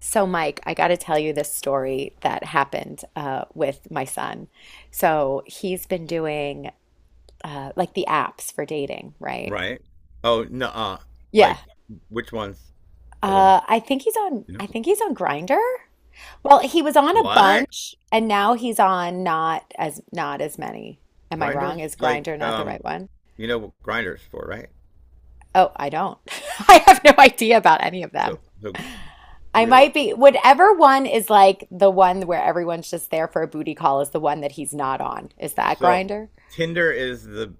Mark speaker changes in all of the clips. Speaker 1: So, Mike, I got to tell you this story that happened with my son. So, he's been doing like the apps for dating, right?
Speaker 2: Right. Oh no. Uh,
Speaker 1: Yeah.
Speaker 2: like which ones? By the way, you know
Speaker 1: I think he's on Grinder. Well, he was on a
Speaker 2: what?
Speaker 1: bunch and now he's on not as many. Am I wrong?
Speaker 2: Grinders
Speaker 1: Is Grinder
Speaker 2: like.
Speaker 1: not the
Speaker 2: um,
Speaker 1: right one?
Speaker 2: you know what grinders for, right?
Speaker 1: Oh, I don't. I have no idea about any of them.
Speaker 2: So,
Speaker 1: I
Speaker 2: really.
Speaker 1: might be, whatever one is like the one where everyone's just there for a booty call is the one that he's not on. Is that
Speaker 2: So
Speaker 1: Grinder?
Speaker 2: Tinder is the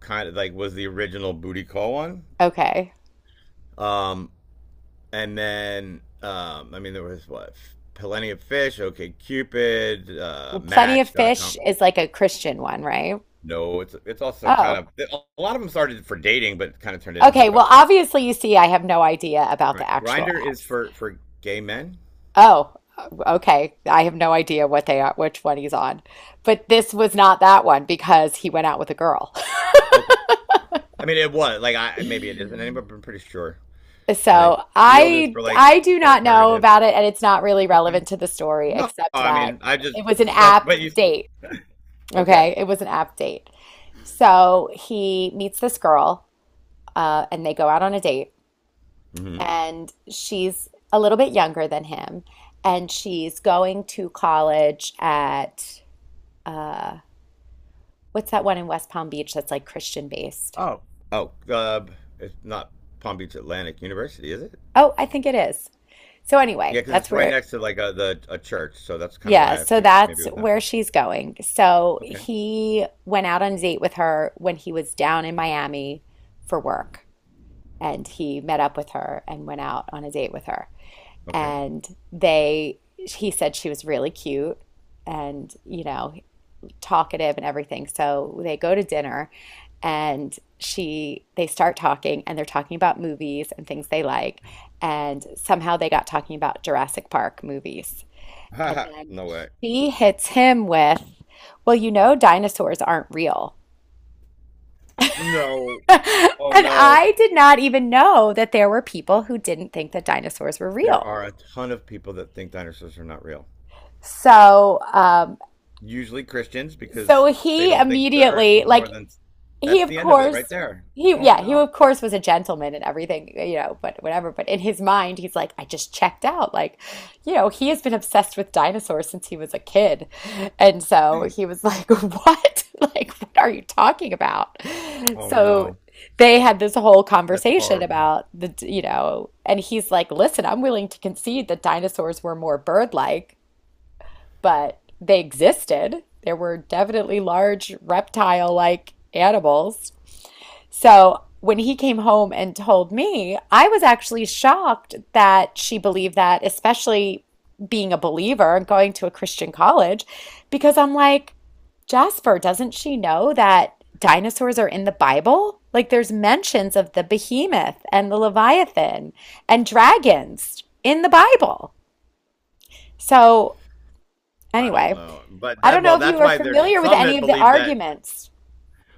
Speaker 2: kind of like was the original booty call one.
Speaker 1: Okay.
Speaker 2: Um, and then I mean there was what Plenty of Fish. Okay Cupid,
Speaker 1: Well, Plenty of
Speaker 2: Match dot
Speaker 1: Fish
Speaker 2: com.
Speaker 1: is like a Christian one, right?
Speaker 2: No, it's also
Speaker 1: Oh,
Speaker 2: kind of a lot of them started for dating, but kind of turned into
Speaker 1: okay.
Speaker 2: hookup
Speaker 1: Well,
Speaker 2: stuff.
Speaker 1: obviously, you see, I have no idea about the
Speaker 2: Right.
Speaker 1: actual
Speaker 2: Grinder is
Speaker 1: apps.
Speaker 2: for gay men.
Speaker 1: Oh, uh, okay. I have no idea what they are, which one he's on. But this was not that one because he went out with a girl.
Speaker 2: Okay. I mean, it was like I maybe it isn't anymore, but I'm pretty sure. And then
Speaker 1: So
Speaker 2: Field is
Speaker 1: I
Speaker 2: for like
Speaker 1: I do not know
Speaker 2: alternative.
Speaker 1: about it, and it's not really
Speaker 2: Okay.
Speaker 1: relevant to the story,
Speaker 2: No,
Speaker 1: except
Speaker 2: I mean
Speaker 1: that
Speaker 2: I just
Speaker 1: it was an
Speaker 2: that.
Speaker 1: app
Speaker 2: But you.
Speaker 1: date.
Speaker 2: Okay.
Speaker 1: Okay, it was an app date. So he meets this girl, and they go out on a date.
Speaker 2: Mm-hmm.
Speaker 1: And she's a little bit younger than him, and she's going to college at uh, what's that one in West Palm Beach that's like Christian based?
Speaker 2: Oh, Oh, it's not Palm Beach Atlantic University, is it?
Speaker 1: Oh, I think it is. So
Speaker 2: Yeah,
Speaker 1: anyway,
Speaker 2: because it's right next to like a church, so that's kind of
Speaker 1: yeah,
Speaker 2: why I
Speaker 1: so
Speaker 2: figured
Speaker 1: that's
Speaker 2: maybe it was that
Speaker 1: where
Speaker 2: one.
Speaker 1: she's going. So
Speaker 2: Okay.
Speaker 1: he went out on a date with her when he was down in Miami for work, and he met up with her and went out on a date with her,
Speaker 2: Okay.
Speaker 1: and they he said she was really cute and talkative and everything. So they go to dinner, and she they start talking, and they're talking about movies and things they like. And somehow they got talking about Jurassic Park movies. And
Speaker 2: Haha.
Speaker 1: then
Speaker 2: No way.
Speaker 1: she hits him with, "Well, you know, dinosaurs aren't real."
Speaker 2: No. Oh
Speaker 1: And
Speaker 2: no.
Speaker 1: I did not even know that there were people who didn't think that dinosaurs were
Speaker 2: There
Speaker 1: real.
Speaker 2: are a ton of people that think dinosaurs are not real.
Speaker 1: So, um,
Speaker 2: Usually Christians
Speaker 1: so
Speaker 2: because they
Speaker 1: he
Speaker 2: don't think the earth
Speaker 1: immediately,
Speaker 2: was
Speaker 1: like,
Speaker 2: more than
Speaker 1: he
Speaker 2: that's
Speaker 1: of
Speaker 2: the end of it right
Speaker 1: course,
Speaker 2: there.
Speaker 1: he
Speaker 2: Oh
Speaker 1: yeah, he
Speaker 2: no.
Speaker 1: of course was a gentleman and everything, but whatever, but in his mind he's like, I just checked out, like, he has been obsessed with dinosaurs since he was a kid. And so he was like, what like, what are you talking about?
Speaker 2: Oh
Speaker 1: So
Speaker 2: no.
Speaker 1: they had this whole
Speaker 2: That's
Speaker 1: conversation
Speaker 2: horrible.
Speaker 1: about the and he's like, listen, I'm willing to concede that dinosaurs were more bird-like, but they existed. There were definitely large reptile-like animals. So when he came home and told me, I was actually shocked that she believed that, especially being a believer and going to a Christian college, because I'm like, Jasper, doesn't she know that dinosaurs are in the Bible? Like, there's mentions of the behemoth and the Leviathan and dragons in the Bible. So
Speaker 2: I don't
Speaker 1: anyway,
Speaker 2: know. But
Speaker 1: I don't
Speaker 2: that
Speaker 1: know
Speaker 2: well
Speaker 1: if you
Speaker 2: that's
Speaker 1: are
Speaker 2: why there's
Speaker 1: familiar with
Speaker 2: some
Speaker 1: any
Speaker 2: that
Speaker 1: of the
Speaker 2: believe that
Speaker 1: arguments.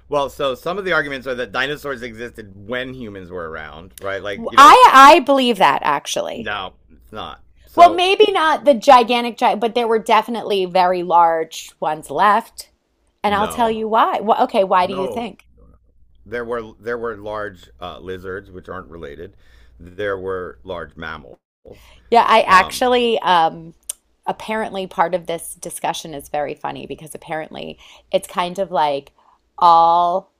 Speaker 2: well, so some of the arguments are that dinosaurs existed when humans were around, right? Like, you know,
Speaker 1: I believe that actually.
Speaker 2: no, it's not.
Speaker 1: Well,
Speaker 2: So,
Speaker 1: maybe not the gigantic giant, but there were definitely very large ones left. And I'll tell
Speaker 2: no.
Speaker 1: you why. Okay, why do you
Speaker 2: No.
Speaker 1: think?
Speaker 2: there were large lizards which aren't related. There were large mammals.
Speaker 1: Yeah, I
Speaker 2: Um,
Speaker 1: actually, apparently part of this discussion is very funny because apparently it's kind of like all.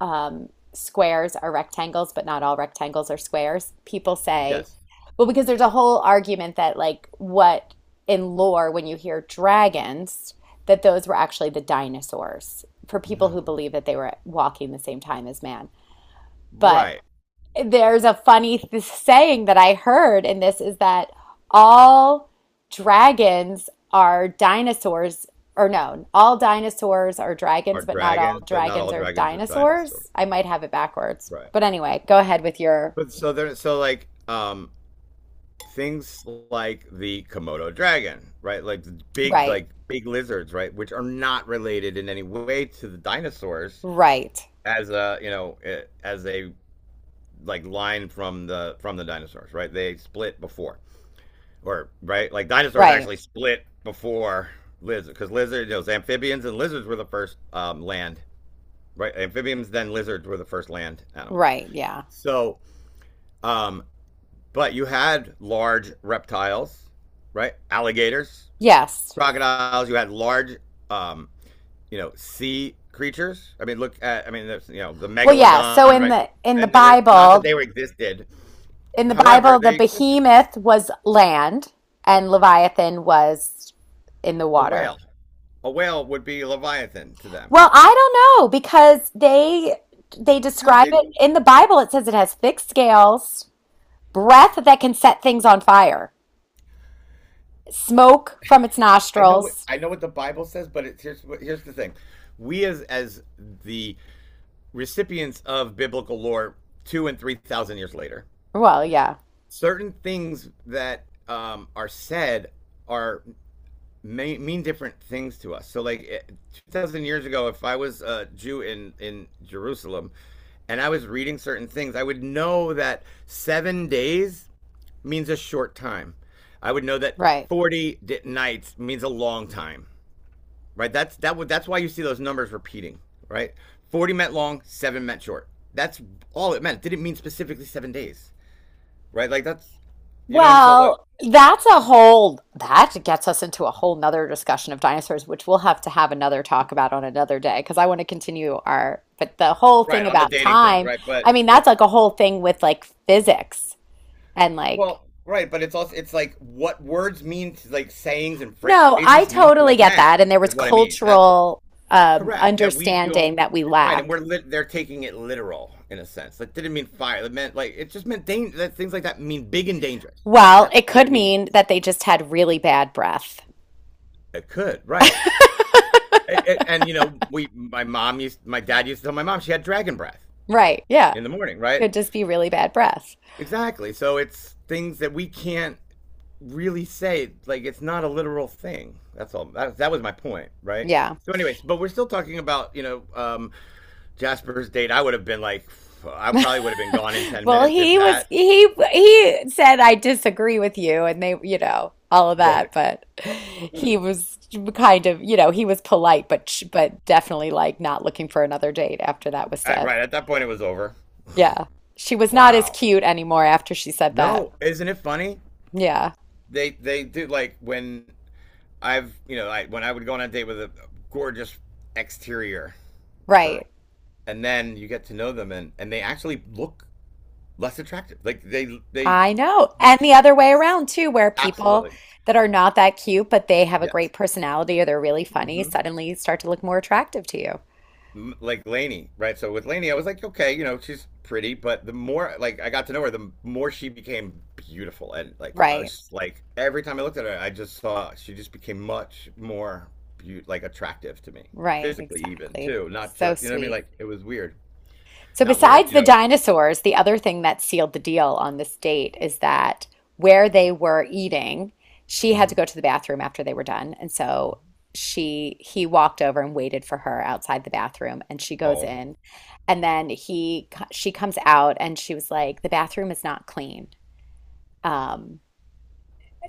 Speaker 1: Squares are rectangles, but not all rectangles are squares. People say,
Speaker 2: yes.
Speaker 1: well, because there's a whole argument that, like, what, in lore, when you hear dragons, that those were actually the dinosaurs for people who
Speaker 2: No.
Speaker 1: believe that they were walking the same time as man. But
Speaker 2: Right.
Speaker 1: there's a funny th saying that I heard in this is that all dragons are dinosaurs, or no, all dinosaurs are
Speaker 2: Are
Speaker 1: dragons, but not all
Speaker 2: dragons, but not
Speaker 1: dragons
Speaker 2: all
Speaker 1: are
Speaker 2: dragons are dinosaurs.
Speaker 1: dinosaurs. I might have it backwards.
Speaker 2: Right.
Speaker 1: But anyway, go ahead with your
Speaker 2: But so they're so like things like the Komodo dragon, right?
Speaker 1: right,
Speaker 2: Like big lizards, right, which are not related in any way to the dinosaurs
Speaker 1: right,
Speaker 2: as a, you know, as a like line from the dinosaurs, right? They split before. Or right? Like dinosaurs
Speaker 1: right,
Speaker 2: actually split before lizard cuz lizards you know, amphibians and lizards were the first land, right? Amphibians then lizards were the first land animals.
Speaker 1: right. Yeah.
Speaker 2: So Um, but you had large reptiles, right? Alligators,
Speaker 1: Yes.
Speaker 2: crocodiles. You had large, um, you know, sea creatures. I mean, look at, I mean, there's, you know, the
Speaker 1: Well, yeah. So
Speaker 2: megalodon,
Speaker 1: in
Speaker 2: right?
Speaker 1: the in the
Speaker 2: And there were not that
Speaker 1: Bible,
Speaker 2: they were existed.
Speaker 1: in the
Speaker 2: However,
Speaker 1: Bible, the
Speaker 2: they
Speaker 1: behemoth was land and Leviathan was in the
Speaker 2: a
Speaker 1: water.
Speaker 2: whale. A whale would be Leviathan to them.
Speaker 1: Well, I don't know because they
Speaker 2: You know how
Speaker 1: describe
Speaker 2: big?
Speaker 1: it in the Bible. It says it has thick scales, breath that can set things on fire, smoke from its
Speaker 2: I know what
Speaker 1: nostrils.
Speaker 2: I know what the Bible says, but it's here's the thing. We as the recipients of biblical lore two and three thousand years later
Speaker 1: Well, yeah,
Speaker 2: certain things that are said are may, mean different things to us. So, like 2,000 years ago, if I was a Jew in Jerusalem, and I was reading certain things, I would know that 7 days means a short time. I would know that
Speaker 1: right.
Speaker 2: 40 nights means a long time, right? That's that would that's why you see those numbers repeating, right? 40 meant long, seven meant short. That's all it meant. It didn't mean specifically 7 days, right? Like that's you know what I'm saying? Like
Speaker 1: Well, that gets us into a whole nother discussion of dinosaurs, which we'll have to have another talk about on another day because I want to continue our, but the whole thing
Speaker 2: right on the
Speaker 1: about
Speaker 2: dating thing,
Speaker 1: time,
Speaker 2: right?
Speaker 1: I
Speaker 2: But
Speaker 1: mean, that's
Speaker 2: it's
Speaker 1: like a whole thing with, like, physics and, like,
Speaker 2: well, right, but it's also it's like what words mean, to, like sayings and
Speaker 1: no, I
Speaker 2: phrases mean to
Speaker 1: totally
Speaker 2: us
Speaker 1: get
Speaker 2: now
Speaker 1: that. And there was
Speaker 2: is what I mean. That's
Speaker 1: cultural
Speaker 2: correct. That we don't
Speaker 1: understanding that we
Speaker 2: right, and
Speaker 1: lack.
Speaker 2: they're taking it literal in a sense. That didn't mean fire. It meant like it just meant danger. That things like that mean big and dangerous.
Speaker 1: Well,
Speaker 2: That's
Speaker 1: it
Speaker 2: what
Speaker 1: could
Speaker 2: it means.
Speaker 1: mean that they just had really bad breath.
Speaker 2: It could right. And you know, we my mom used my dad used to tell my mom she had dragon breath
Speaker 1: Right. Yeah.
Speaker 2: in the morning, right?
Speaker 1: Could just be really bad breath.
Speaker 2: Exactly. So it's things that we can't really say like it's not a literal thing. That's all. That was my point, right?
Speaker 1: Yeah.
Speaker 2: So, anyways, but we're still talking about Jasper's date. I would have been like, I probably would have been gone in ten
Speaker 1: Well,
Speaker 2: minutes if
Speaker 1: he was
Speaker 2: that.
Speaker 1: he said, I disagree with you, and they, all of that, but he was kind of, he was polite but definitely, like, not looking for another date after that was
Speaker 2: I,
Speaker 1: said.
Speaker 2: right at that point, it was over.
Speaker 1: Yeah. She was not as
Speaker 2: Wow.
Speaker 1: cute anymore after she said that.
Speaker 2: No, isn't it funny?
Speaker 1: Yeah,
Speaker 2: They do like when I've you know I, when I would go on a date with a gorgeous exterior
Speaker 1: right.
Speaker 2: girl, and then you get to know them and they actually look less attractive. Like they
Speaker 1: I know.
Speaker 2: you,
Speaker 1: And the
Speaker 2: you-
Speaker 1: other way around too, where people
Speaker 2: absolutely
Speaker 1: that are not that cute, but they have a
Speaker 2: yes.
Speaker 1: great personality or they're really funny,
Speaker 2: Mm-hmm.
Speaker 1: suddenly start to look more attractive to you.
Speaker 2: Like Lainey, right? So with Lainey, I was like, okay, you know, she's pretty, but the more like I got to know her, the more she became beautiful, and like I was
Speaker 1: Right,
Speaker 2: just, like every time I looked at her, I just saw she just became much more like attractive to me,
Speaker 1: right,
Speaker 2: physically even
Speaker 1: exactly.
Speaker 2: too, not
Speaker 1: So
Speaker 2: just you know what I mean.
Speaker 1: sweet.
Speaker 2: Like it was weird,
Speaker 1: So,
Speaker 2: not weird,
Speaker 1: besides
Speaker 2: you
Speaker 1: the
Speaker 2: know. It's
Speaker 1: dinosaurs, the other thing that sealed the deal on this date is that where they were eating, she had to
Speaker 2: mm-hmm.
Speaker 1: go to the bathroom after they were done. And so she he walked over and waited for her outside the bathroom, and she goes
Speaker 2: Oh,
Speaker 1: in. And then he she comes out and she was like, "The bathroom is not clean. Um,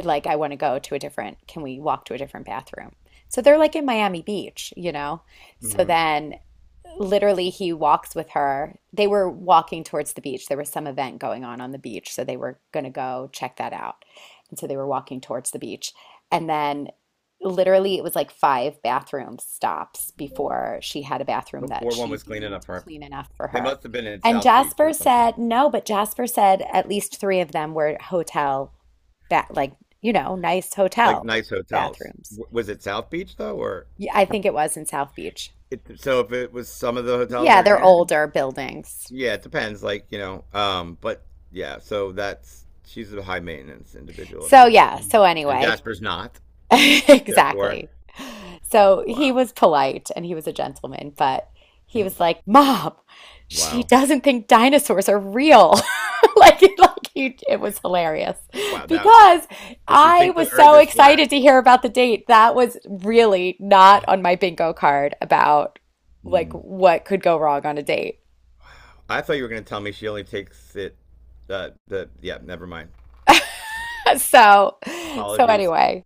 Speaker 1: like, I want to go to a different, can we walk to a different bathroom?" So they're like in Miami Beach. So
Speaker 2: mm-hmm.
Speaker 1: then, literally, he walks with her. They were walking towards the beach. There was some event going on the beach, so they were going to go check that out. And so they were walking towards the beach. And then, literally, it was like five bathroom stops before she had a bathroom that
Speaker 2: Before one
Speaker 1: she
Speaker 2: was cleaning
Speaker 1: deemed
Speaker 2: up her,
Speaker 1: clean enough for
Speaker 2: they
Speaker 1: her.
Speaker 2: must have been in
Speaker 1: And
Speaker 2: South Beach or
Speaker 1: Jasper
Speaker 2: something,
Speaker 1: said, no, but Jasper said at least three of them were hotel, ba like, nice
Speaker 2: like
Speaker 1: hotel
Speaker 2: nice hotels.
Speaker 1: bathrooms.
Speaker 2: Was it South Beach though, or
Speaker 1: Yeah, I think it was in South Beach.
Speaker 2: it, so if it was some of the hotels
Speaker 1: Yeah,
Speaker 2: are
Speaker 1: they're
Speaker 2: in?
Speaker 1: older buildings.
Speaker 2: Yeah, it depends. Like you know, but yeah. So that's she's a high maintenance individual. I'm
Speaker 1: So
Speaker 2: gonna
Speaker 1: yeah,
Speaker 2: assume,
Speaker 1: so
Speaker 2: and
Speaker 1: anyway,
Speaker 2: Jasper's not. Therefore,
Speaker 1: exactly. So he
Speaker 2: wow,
Speaker 1: was polite and he was a gentleman, but he was like, "Mom, she
Speaker 2: wow,
Speaker 1: doesn't think dinosaurs are real." Like it was hilarious
Speaker 2: wow. That
Speaker 1: because
Speaker 2: Does she
Speaker 1: I
Speaker 2: think the
Speaker 1: was
Speaker 2: Earth
Speaker 1: so
Speaker 2: is flat?
Speaker 1: excited to hear about the date. That was really not on my bingo card about, like,
Speaker 2: Hmm.
Speaker 1: what could go wrong on a date.
Speaker 2: I thought you were gonna tell me she only takes it. The yeah, never mind.
Speaker 1: So so
Speaker 2: Apologies.
Speaker 1: anyway.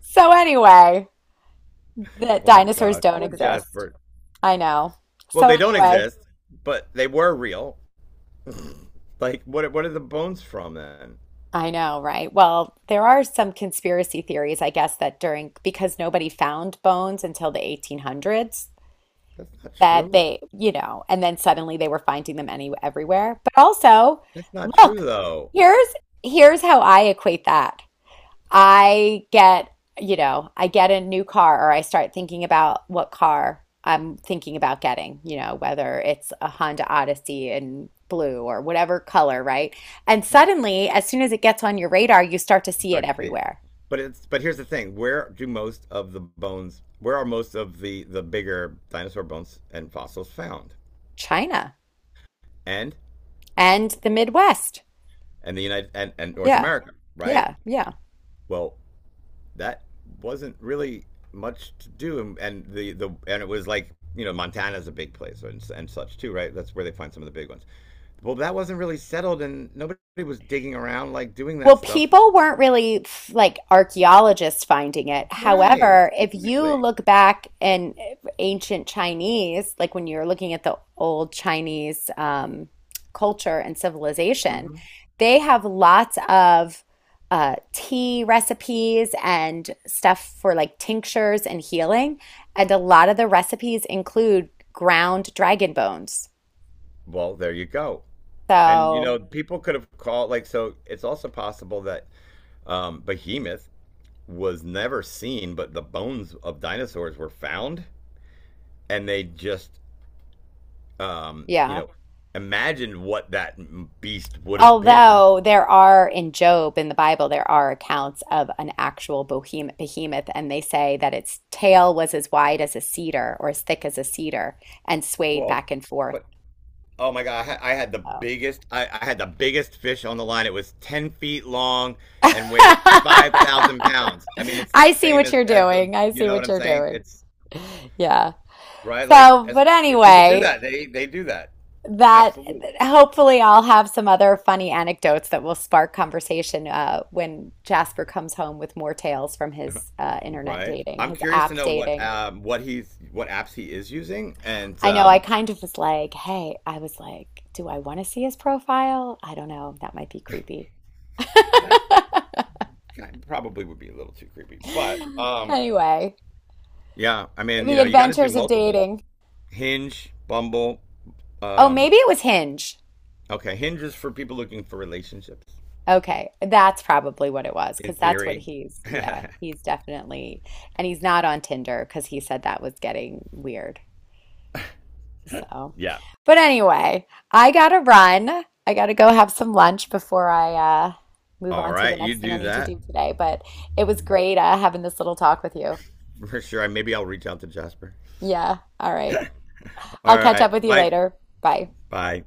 Speaker 1: So anyway, that
Speaker 2: Oh my
Speaker 1: dinosaurs
Speaker 2: God,
Speaker 1: don't
Speaker 2: poor
Speaker 1: exist.
Speaker 2: Jasper.
Speaker 1: I know.
Speaker 2: Well,
Speaker 1: So
Speaker 2: they don't
Speaker 1: anyway,
Speaker 2: exist, but they were real. Like, what? What are the bones from then?
Speaker 1: I know, right? Well, there are some conspiracy theories, I guess, that during because nobody found bones until the 1800s,
Speaker 2: That's not
Speaker 1: that
Speaker 2: true.
Speaker 1: they, and then suddenly they were finding them any everywhere. But also,
Speaker 2: That's not true
Speaker 1: look,
Speaker 2: though.
Speaker 1: here's here's how I equate that. I get, I get a new car or I start thinking about what car I'm thinking about getting, whether it's a Honda Odyssey in blue or whatever color, right? And suddenly, as soon as it gets on your radar, you start to see it
Speaker 2: Start to see it.
Speaker 1: everywhere.
Speaker 2: But it's but here's the thing: where do most of the bones? Where are most of the bigger dinosaur bones and fossils found?
Speaker 1: China
Speaker 2: And
Speaker 1: and the Midwest.
Speaker 2: and the United and North
Speaker 1: Yeah,
Speaker 2: America, right?
Speaker 1: yeah, yeah.
Speaker 2: Well, that wasn't really much to do, and the and it was like you know Montana's a big place and such too, right? That's where they find some of the big ones. Well, that wasn't really settled, and nobody was digging around like doing that
Speaker 1: Well,
Speaker 2: stuff,
Speaker 1: people weren't really like archaeologists finding it.
Speaker 2: right?
Speaker 1: However, if you
Speaker 2: Exactly.
Speaker 1: look back in ancient Chinese, like, when you're looking at the old Chinese culture and civilization,
Speaker 2: Hmm.
Speaker 1: they have lots of tea recipes and stuff for, like, tinctures and healing. And a lot of the recipes include ground dragon bones.
Speaker 2: Well, there you go. And you
Speaker 1: So,
Speaker 2: know, people could have called like so. It's also possible that Behemoth was never seen, but the bones of dinosaurs were found, and they just um, you
Speaker 1: yeah.
Speaker 2: know imagined what that beast would have been.
Speaker 1: Although there are in Job in the Bible, there are accounts of an actual behemoth, and they say that its tail was as wide as a cedar or as thick as a cedar and swayed
Speaker 2: Well,
Speaker 1: back and forth.
Speaker 2: but oh my God, I had, I had the
Speaker 1: So.
Speaker 2: biggest. I, I had the biggest fish on the line. It was 10 feet long and weighed 5,000 pounds. I mean, it's the
Speaker 1: I see
Speaker 2: same
Speaker 1: what
Speaker 2: as
Speaker 1: you're
Speaker 2: as the.
Speaker 1: doing. I
Speaker 2: You
Speaker 1: see
Speaker 2: know what
Speaker 1: what
Speaker 2: I'm
Speaker 1: you're
Speaker 2: saying?
Speaker 1: doing.
Speaker 2: It's
Speaker 1: Yeah.
Speaker 2: right. Like
Speaker 1: So,
Speaker 2: as
Speaker 1: but
Speaker 2: people do
Speaker 1: anyway,
Speaker 2: that, they do that.
Speaker 1: that
Speaker 2: Absolutely.
Speaker 1: hopefully I'll have some other funny anecdotes that will spark conversation when Jasper comes home with more tales from his internet
Speaker 2: Right.
Speaker 1: dating,
Speaker 2: I'm
Speaker 1: his
Speaker 2: curious to
Speaker 1: app
Speaker 2: know what
Speaker 1: dating.
Speaker 2: um what he's what apps he is using, and
Speaker 1: I know I kind of was like, hey, I was like, do I want to see his profile? I don't know. That might be creepy.
Speaker 2: eh, probably would be a little too creepy, but
Speaker 1: Anyway,
Speaker 2: yeah, I mean you
Speaker 1: the
Speaker 2: know you got to do
Speaker 1: adventures of
Speaker 2: multiples.
Speaker 1: dating.
Speaker 2: Hinge, Bumble,
Speaker 1: Oh,
Speaker 2: um
Speaker 1: maybe it was Hinge.
Speaker 2: okay, Hinge is for people looking for relationships
Speaker 1: Okay, that's probably what it was
Speaker 2: in
Speaker 1: because that's what
Speaker 2: theory.
Speaker 1: yeah, he's definitely. And he's not on Tinder because he said that was getting weird. So,
Speaker 2: Yeah.
Speaker 1: but anyway, I gotta run. I gotta go have some lunch before I move
Speaker 2: All
Speaker 1: on to the
Speaker 2: right, you
Speaker 1: next thing I
Speaker 2: do
Speaker 1: need to
Speaker 2: that
Speaker 1: do today. But it was great having this little talk with you.
Speaker 2: for sure. Maybe I'll reach out to Jasper.
Speaker 1: Yeah. All right.
Speaker 2: All
Speaker 1: I'll catch up
Speaker 2: right,
Speaker 1: with you
Speaker 2: bye,
Speaker 1: later. Bye.
Speaker 2: bye.